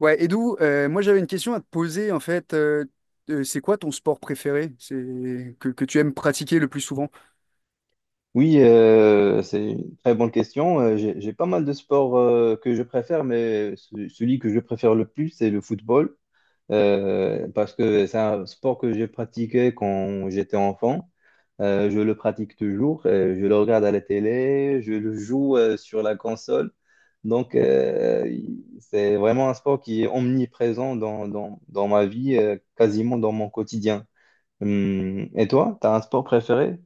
Ouais, Edou, moi j'avais une question à te poser en fait. C'est quoi ton sport préféré? C'est que tu aimes pratiquer le plus souvent? Oui, c'est une très bonne question. J'ai pas mal de sports que je préfère, mais celui que je préfère le plus, c'est le football, parce que c'est un sport que j'ai pratiqué quand j'étais enfant. Je le pratique toujours, je le regarde à la télé, je le joue sur la console. C'est vraiment un sport qui est omniprésent dans ma vie, quasiment dans mon quotidien. Et toi, tu as un sport préféré?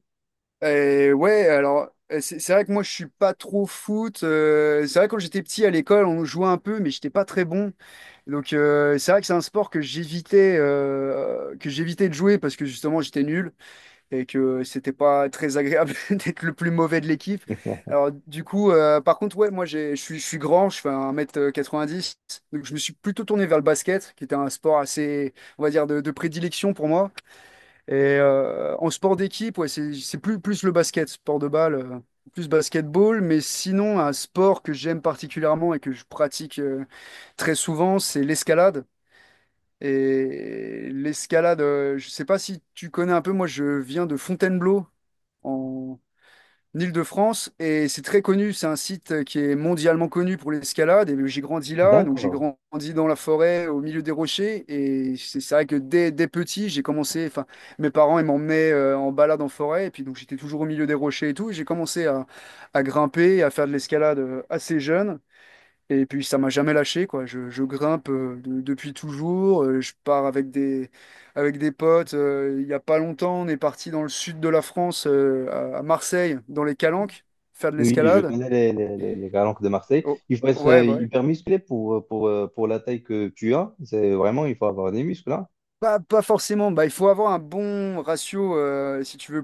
Ouais, alors c'est vrai que moi je suis pas trop foot. C'est vrai que quand j'étais petit à l'école, on jouait un peu, mais j'étais pas très bon. Donc c'est vrai que c'est un sport que j'évitais que j'évitais de jouer parce que justement j'étais nul, et que c'était pas très agréable d'être le plus mauvais de l'équipe. Alors du coup, par contre, ouais, je suis grand, je fais un mètre quatre-vingt-dix, donc je me suis plutôt tourné vers le basket, qui était un sport assez, on va dire, de prédilection pour moi. Et en sport d'équipe, ouais, c'est plus, plus le basket, sport de balle, plus basketball, mais sinon un sport que j'aime particulièrement et que je pratique très souvent, c'est l'escalade. Et l'escalade, je sais pas si tu connais un peu, moi je viens de Fontainebleau, en Île-de-France, et c'est très connu. C'est un site qui est mondialement connu pour l'escalade. Et j'ai grandi là, donc j'ai D'accord. grandi dans la forêt, au milieu des rochers. Et c'est vrai que dès petit, j'ai commencé. Enfin, mes parents, ils m'emmenaient en balade en forêt. Et puis donc j'étais toujours au milieu des rochers et tout, et j'ai commencé à grimper, à faire de l'escalade assez jeune. Et puis ça m'a jamais lâché, quoi. Je grimpe depuis toujours. Je pars avec des potes. Il y a pas longtemps, on est parti dans le sud de la France, à Marseille, dans les Calanques, faire de Oui, je l'escalade. connais les calanques de Marseille. Oh, Il faut être ouais, bah ouais. hyper musclé pour la taille que tu as. C'est vraiment, il faut avoir des muscles, là. Pas forcément. Bah, il faut avoir un bon ratio, si tu veux,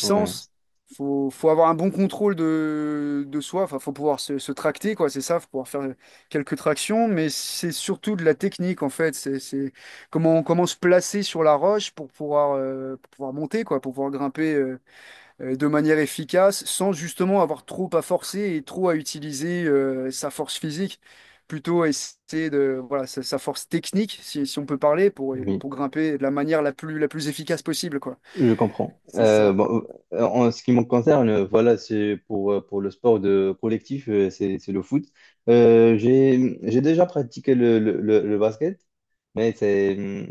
Ouais, Faut avoir un bon contrôle de soi. Enfin, faut pouvoir se tracter, quoi. C'est ça, faut pouvoir faire quelques tractions. Mais c'est surtout de la technique, en fait. C'est comment se placer sur la roche pour pouvoir monter, quoi, pour pouvoir grimper, de manière efficace sans justement avoir trop à forcer et trop à utiliser sa force physique, plutôt à essayer de, voilà, sa force technique, si on peut parler, pour, oui, pour grimper de la manière la plus efficace possible, quoi. je comprends. C'est ça. Bon, en ce qui me concerne, voilà, c'est pour le sport de collectif, c'est le foot. J'ai déjà pratiqué le basket, mais c'est,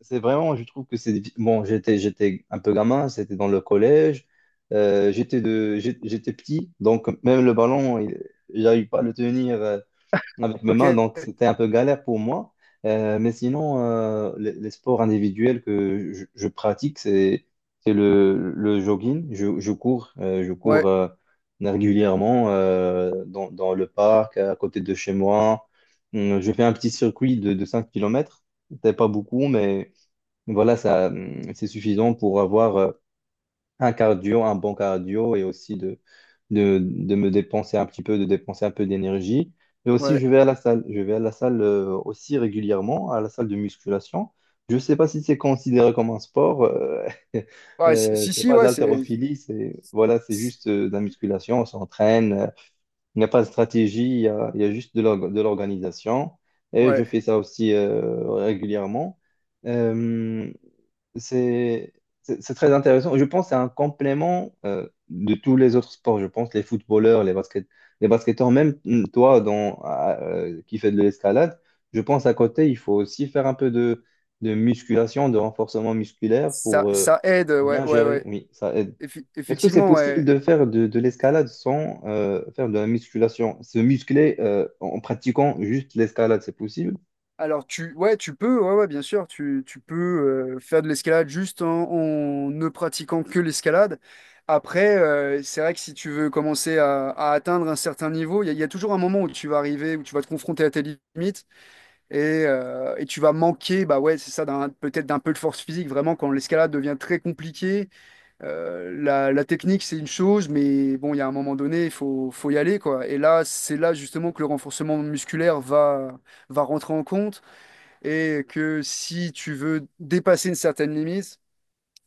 c'est vraiment, je trouve que c'est... Bon, j'étais un peu gamin, c'était dans le collège, j'étais petit, donc même le ballon, il- j'arrive pas à le tenir avec mes Ok. mains, donc c'était un peu galère pour moi. Mais sinon, les sports individuels que je pratique, c'est le jogging, je cours Ouais, régulièrement dans, dans le parc, à côté de chez moi. Je fais un petit circuit de 5 km. C'était pas beaucoup, mais donc voilà, ça, c'est suffisant pour avoir un cardio, un bon cardio et aussi de me dépenser un petit peu, de dépenser un peu d'énergie. Et aussi, ouais. je vais à la salle. Je vais à la salle aussi régulièrement, à la salle de musculation. Je ne sais pas si c'est considéré comme un sport. Ouais, si, si, C'est si, pas de ouais, c'est, l'haltérophilie, c'est voilà, c'est c'est- juste de la musculation. On s'entraîne, il n'y a pas de stratégie, il y a juste de l'organisation. Et je ouais. fais ça aussi régulièrement. Euh, c'est c'est très intéressant. Je pense que c'est un complément de tous les autres sports. Je pense les footballeurs, les basket, les basketteurs, même toi qui fais de l'escalade, je pense à côté, il faut aussi faire un peu de musculation, de renforcement musculaire Ça, pour ça aide, ouais, bien ouais, gérer. ouais. Oui, ça aide. Effi- Est-ce que c'est effectivement, possible ouais. de faire de l'escalade sans faire de la musculation? Se muscler en en pratiquant juste l'escalade, c'est possible? Alors tu ouais tu peux ouais, ouais bien sûr tu peux faire de l'escalade juste en ne pratiquant que l'escalade. Après c'est vrai que si tu veux commencer à atteindre un certain niveau, il y a toujours un moment où tu vas arriver où tu vas te confronter à tes limites et tu vas manquer bah ouais c'est ça d'un peut-être d'un peu de force physique vraiment quand l'escalade devient très compliquée. La technique c'est une chose mais bon il y a un moment donné il faut y aller quoi. Et là c'est là justement que le renforcement musculaire va rentrer en compte et que si tu veux dépasser une certaine limite,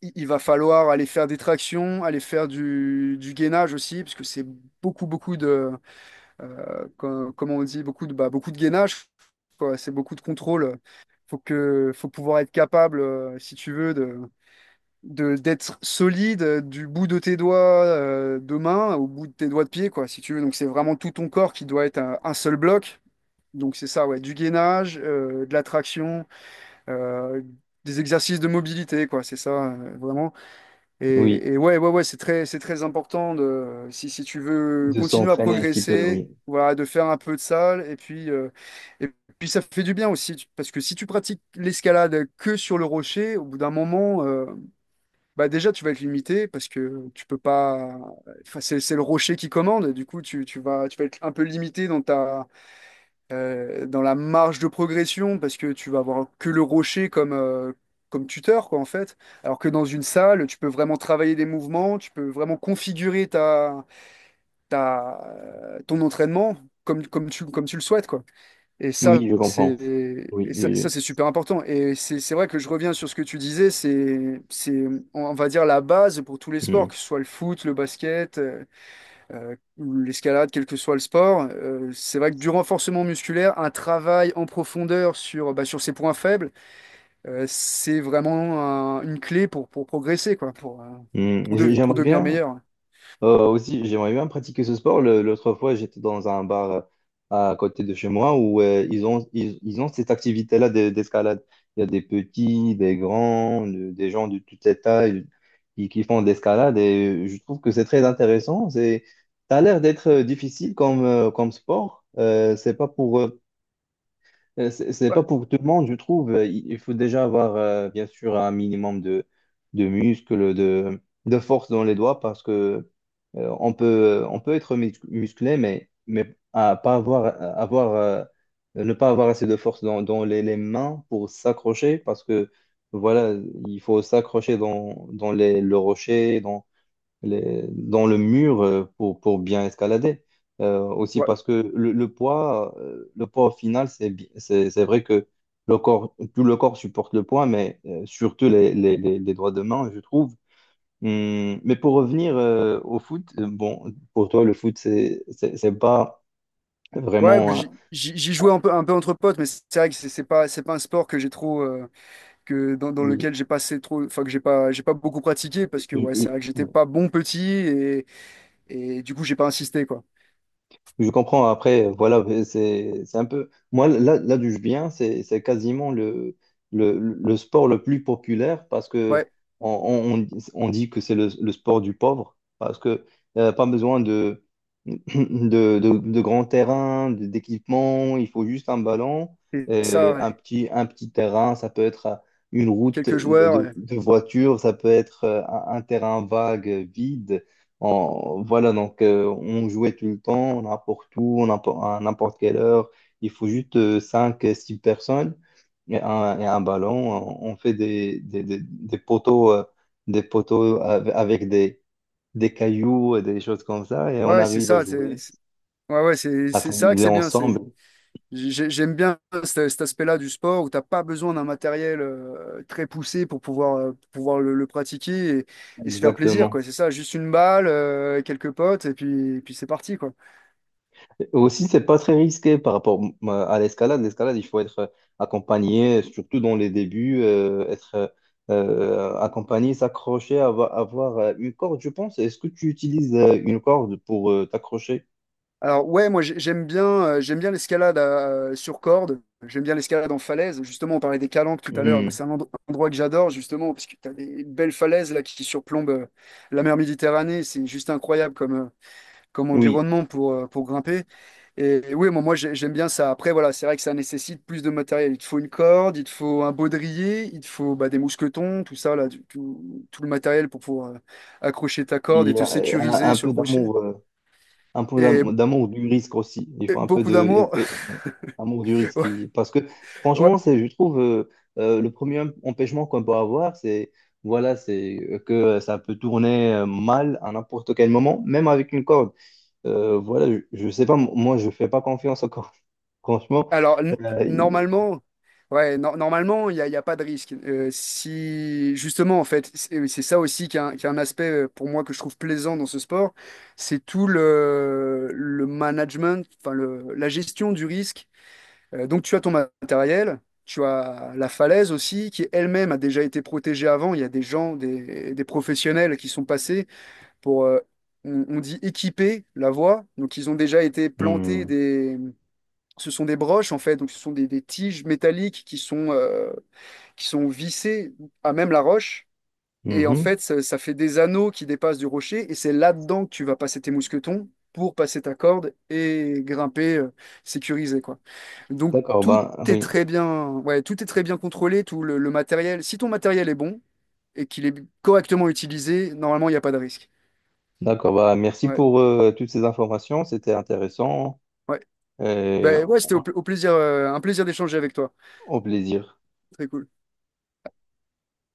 il va falloir aller faire des tractions, aller faire du gainage aussi, parce que c'est beaucoup, beaucoup de, comment on dit, beaucoup de, bah, beaucoup de gainage, quoi. C'est beaucoup de contrôle. Faut pouvoir être capable, si tu veux, de, d'être solide du bout de tes doigts de main au bout de tes doigts de pied, quoi, si tu veux. Donc c'est vraiment tout ton corps qui doit être un seul bloc. Donc c'est ça, ouais, du gainage, de la traction, euh, des exercices de mobilité, quoi, c'est ça, vraiment. Oui, Et ouais, ouais, ouais, c'est très important de, si tu veux de continuer à s'entraîner un petit peu, progresser, oui. voilà, de faire un peu de salle, et puis ça fait du bien aussi, parce que si tu pratiques l'escalade que sur le rocher, au bout d'un moment, bah déjà, tu vas être limité, parce que tu peux pas, enfin, c'est le rocher qui commande, du coup, tu vas être un peu limité dans ta, dans la marge de progression parce que tu vas avoir que le rocher comme, comme tuteur, quoi, en fait. Alors que dans une salle, tu peux vraiment travailler des mouvements, tu peux vraiment configurer ton entraînement comme, comme tu le souhaites, quoi. Et ça, Oui, je c'est, comprends. Oui, oui, c'est super important. Et c'est vrai que je reviens sur ce que tu disais, on va dire, la base pour tous les sports, oui. que ce soit le foot, le basket, l'escalade, quel que soit le sport. C'est vrai que du renforcement musculaire, un travail en profondeur sur, bah, sur ses points faibles, c'est vraiment une clé pour progresser, quoi, Mm. Mm. J- pour J'aimerais devenir bien meilleur. Aussi, j'aimerais bien pratiquer ce sport. Le- L'autre fois, j'étais dans un bar à côté de chez moi où ils ont cette activité-là d'escalade. Il y a des petits, des grands, de- des gens de toutes les tailles qui font de l'escalade et je trouve que c'est très intéressant. C'est, ça a l'air d'être difficile comme, comme sport. C'est pas Ouais, pour tout le monde, je trouve. Il faut déjà avoir, bien sûr, un minimum de muscles, de force dans les doigts parce que. On peut être musclé, mais à pas avoir, à avoir, ne pas avoir assez de force dans, dans les mains pour s'accrocher, parce que voilà, il faut s'accrocher dans, dans les, le rocher, dans, les, dans le mur pour bien escalader. Aussi ouais, parce que le poids au final, c'est vrai que le corps, tout le corps supporte le poids, mais surtout les doigts de main, je trouve. Mais pour revenir au foot, bon, pour toi, le foot, c'est pas ouais, bah, vraiment. Hein, j'y jouais un peu entre potes, mais c'est vrai que c'est pas un sport que j'ai trop, que dans, dans lequel j'ai passé trop, enfin que j'ai pas beaucoup pratiqué parce que ouais, c'est oui, vrai que j'étais pas bon petit, et du coup j'ai pas insisté quoi. je comprends. Après, voilà, c'est un peu. Moi, là, d'où je viens, c'est quasiment le, le sport le plus populaire parce que Ouais, on, on dit que c'est le sport du pauvre parce que pas besoin de, de grands terrains, d'équipements. Il faut juste un ballon, et ça, et ouais. Un petit terrain. Ça peut être une route Quelques joueurs. De voiture, ça peut être un terrain vague, vide. On- voilà, donc on jouait tout le temps, n'importe où, n'importe- à n'importe quelle heure. Il faut juste 5, 6 personnes et un ballon. On fait des poteaux avec des cailloux et des choses comme ça et on Ouais, c'est arrive à ça. Jouer, Ouais, ouais, à c'est vrai que s'amuser c'est bien. C'est, ensemble. J'aime bien cet aspect-là du sport où t'as pas besoin d'un matériel très poussé pour pouvoir le pratiquer et se faire plaisir, Exactement. quoi. C'est ça, juste une balle, quelques potes et puis c'est parti, quoi. Aussi, c'est pas très risqué par rapport à l'escalade. L'escalade, il faut être accompagné, surtout dans les débuts, être accompagné, s'accrocher, avoir une corde, je pense. Est-ce que tu utilises une corde pour t'accrocher? Alors, ouais, j'aime bien l'escalade sur corde. J'aime bien l'escalade en falaise. Justement, on parlait des calanques tout à l'heure. Mais Hmm, c'est un endroit que j'adore, justement, parce que t'as des belles falaises là qui surplombent la mer Méditerranée. C'est juste incroyable comme, comme oui, environnement pour grimper. Et oui, moi, j'aime bien ça. Après, voilà, c'est vrai que ça nécessite plus de matériel. Il te faut une corde, il te faut un baudrier, il te faut bah, des mousquetons, tout ça, là, tout, tout le matériel pour pouvoir accrocher ta corde il et y te a sécuriser un sur le peu rocher. d'amour. Un peu Et, d'amour du risque aussi. Il et faut un peu beaucoup de d'amour. Ouais, amour du risque. Il- Parce que franchement, c'est, je trouve, le premier empêchement qu'on peut avoir, c'est voilà, c'est que ça peut tourner mal à n'importe quel moment, même avec une corde. Voilà, je sais pas, moi, je fais pas confiance aux cordes. Franchement, Alors, n- il- Normalement, ouais, normalement, il y a pas de risque. Si, justement, en fait, c'est ça aussi qui est un aspect pour moi que je trouve plaisant dans ce sport, c'est tout le management, enfin, le, la gestion du risque. Donc, tu as ton matériel, tu as la falaise aussi, qui elle-même a déjà été protégée avant. Il y a des gens, des professionnels qui sont passés pour, on dit équiper la voie. Donc, ils ont déjà été plantés, Hmm. ce sont des broches en fait, donc ce sont des tiges métalliques qui sont vissées à même la roche. Et en Mhm. fait, ça fait des anneaux qui dépassent du rocher. Et c'est là-dedans que tu vas passer tes mousquetons pour passer ta corde et grimper sécurisé, quoi. Donc D'accord, tout bah est oui. très bien, ouais, tout est très bien contrôlé, tout le matériel. Si ton matériel est bon et qu'il est correctement utilisé, normalement, il n'y a pas de risque. D'accord, bah merci Ouais, pour toutes ces informations, c'était intéressant ouais. et Ben ouais, au c'était au, au plaisir, un plaisir d'échanger avec toi. au plaisir. Très cool.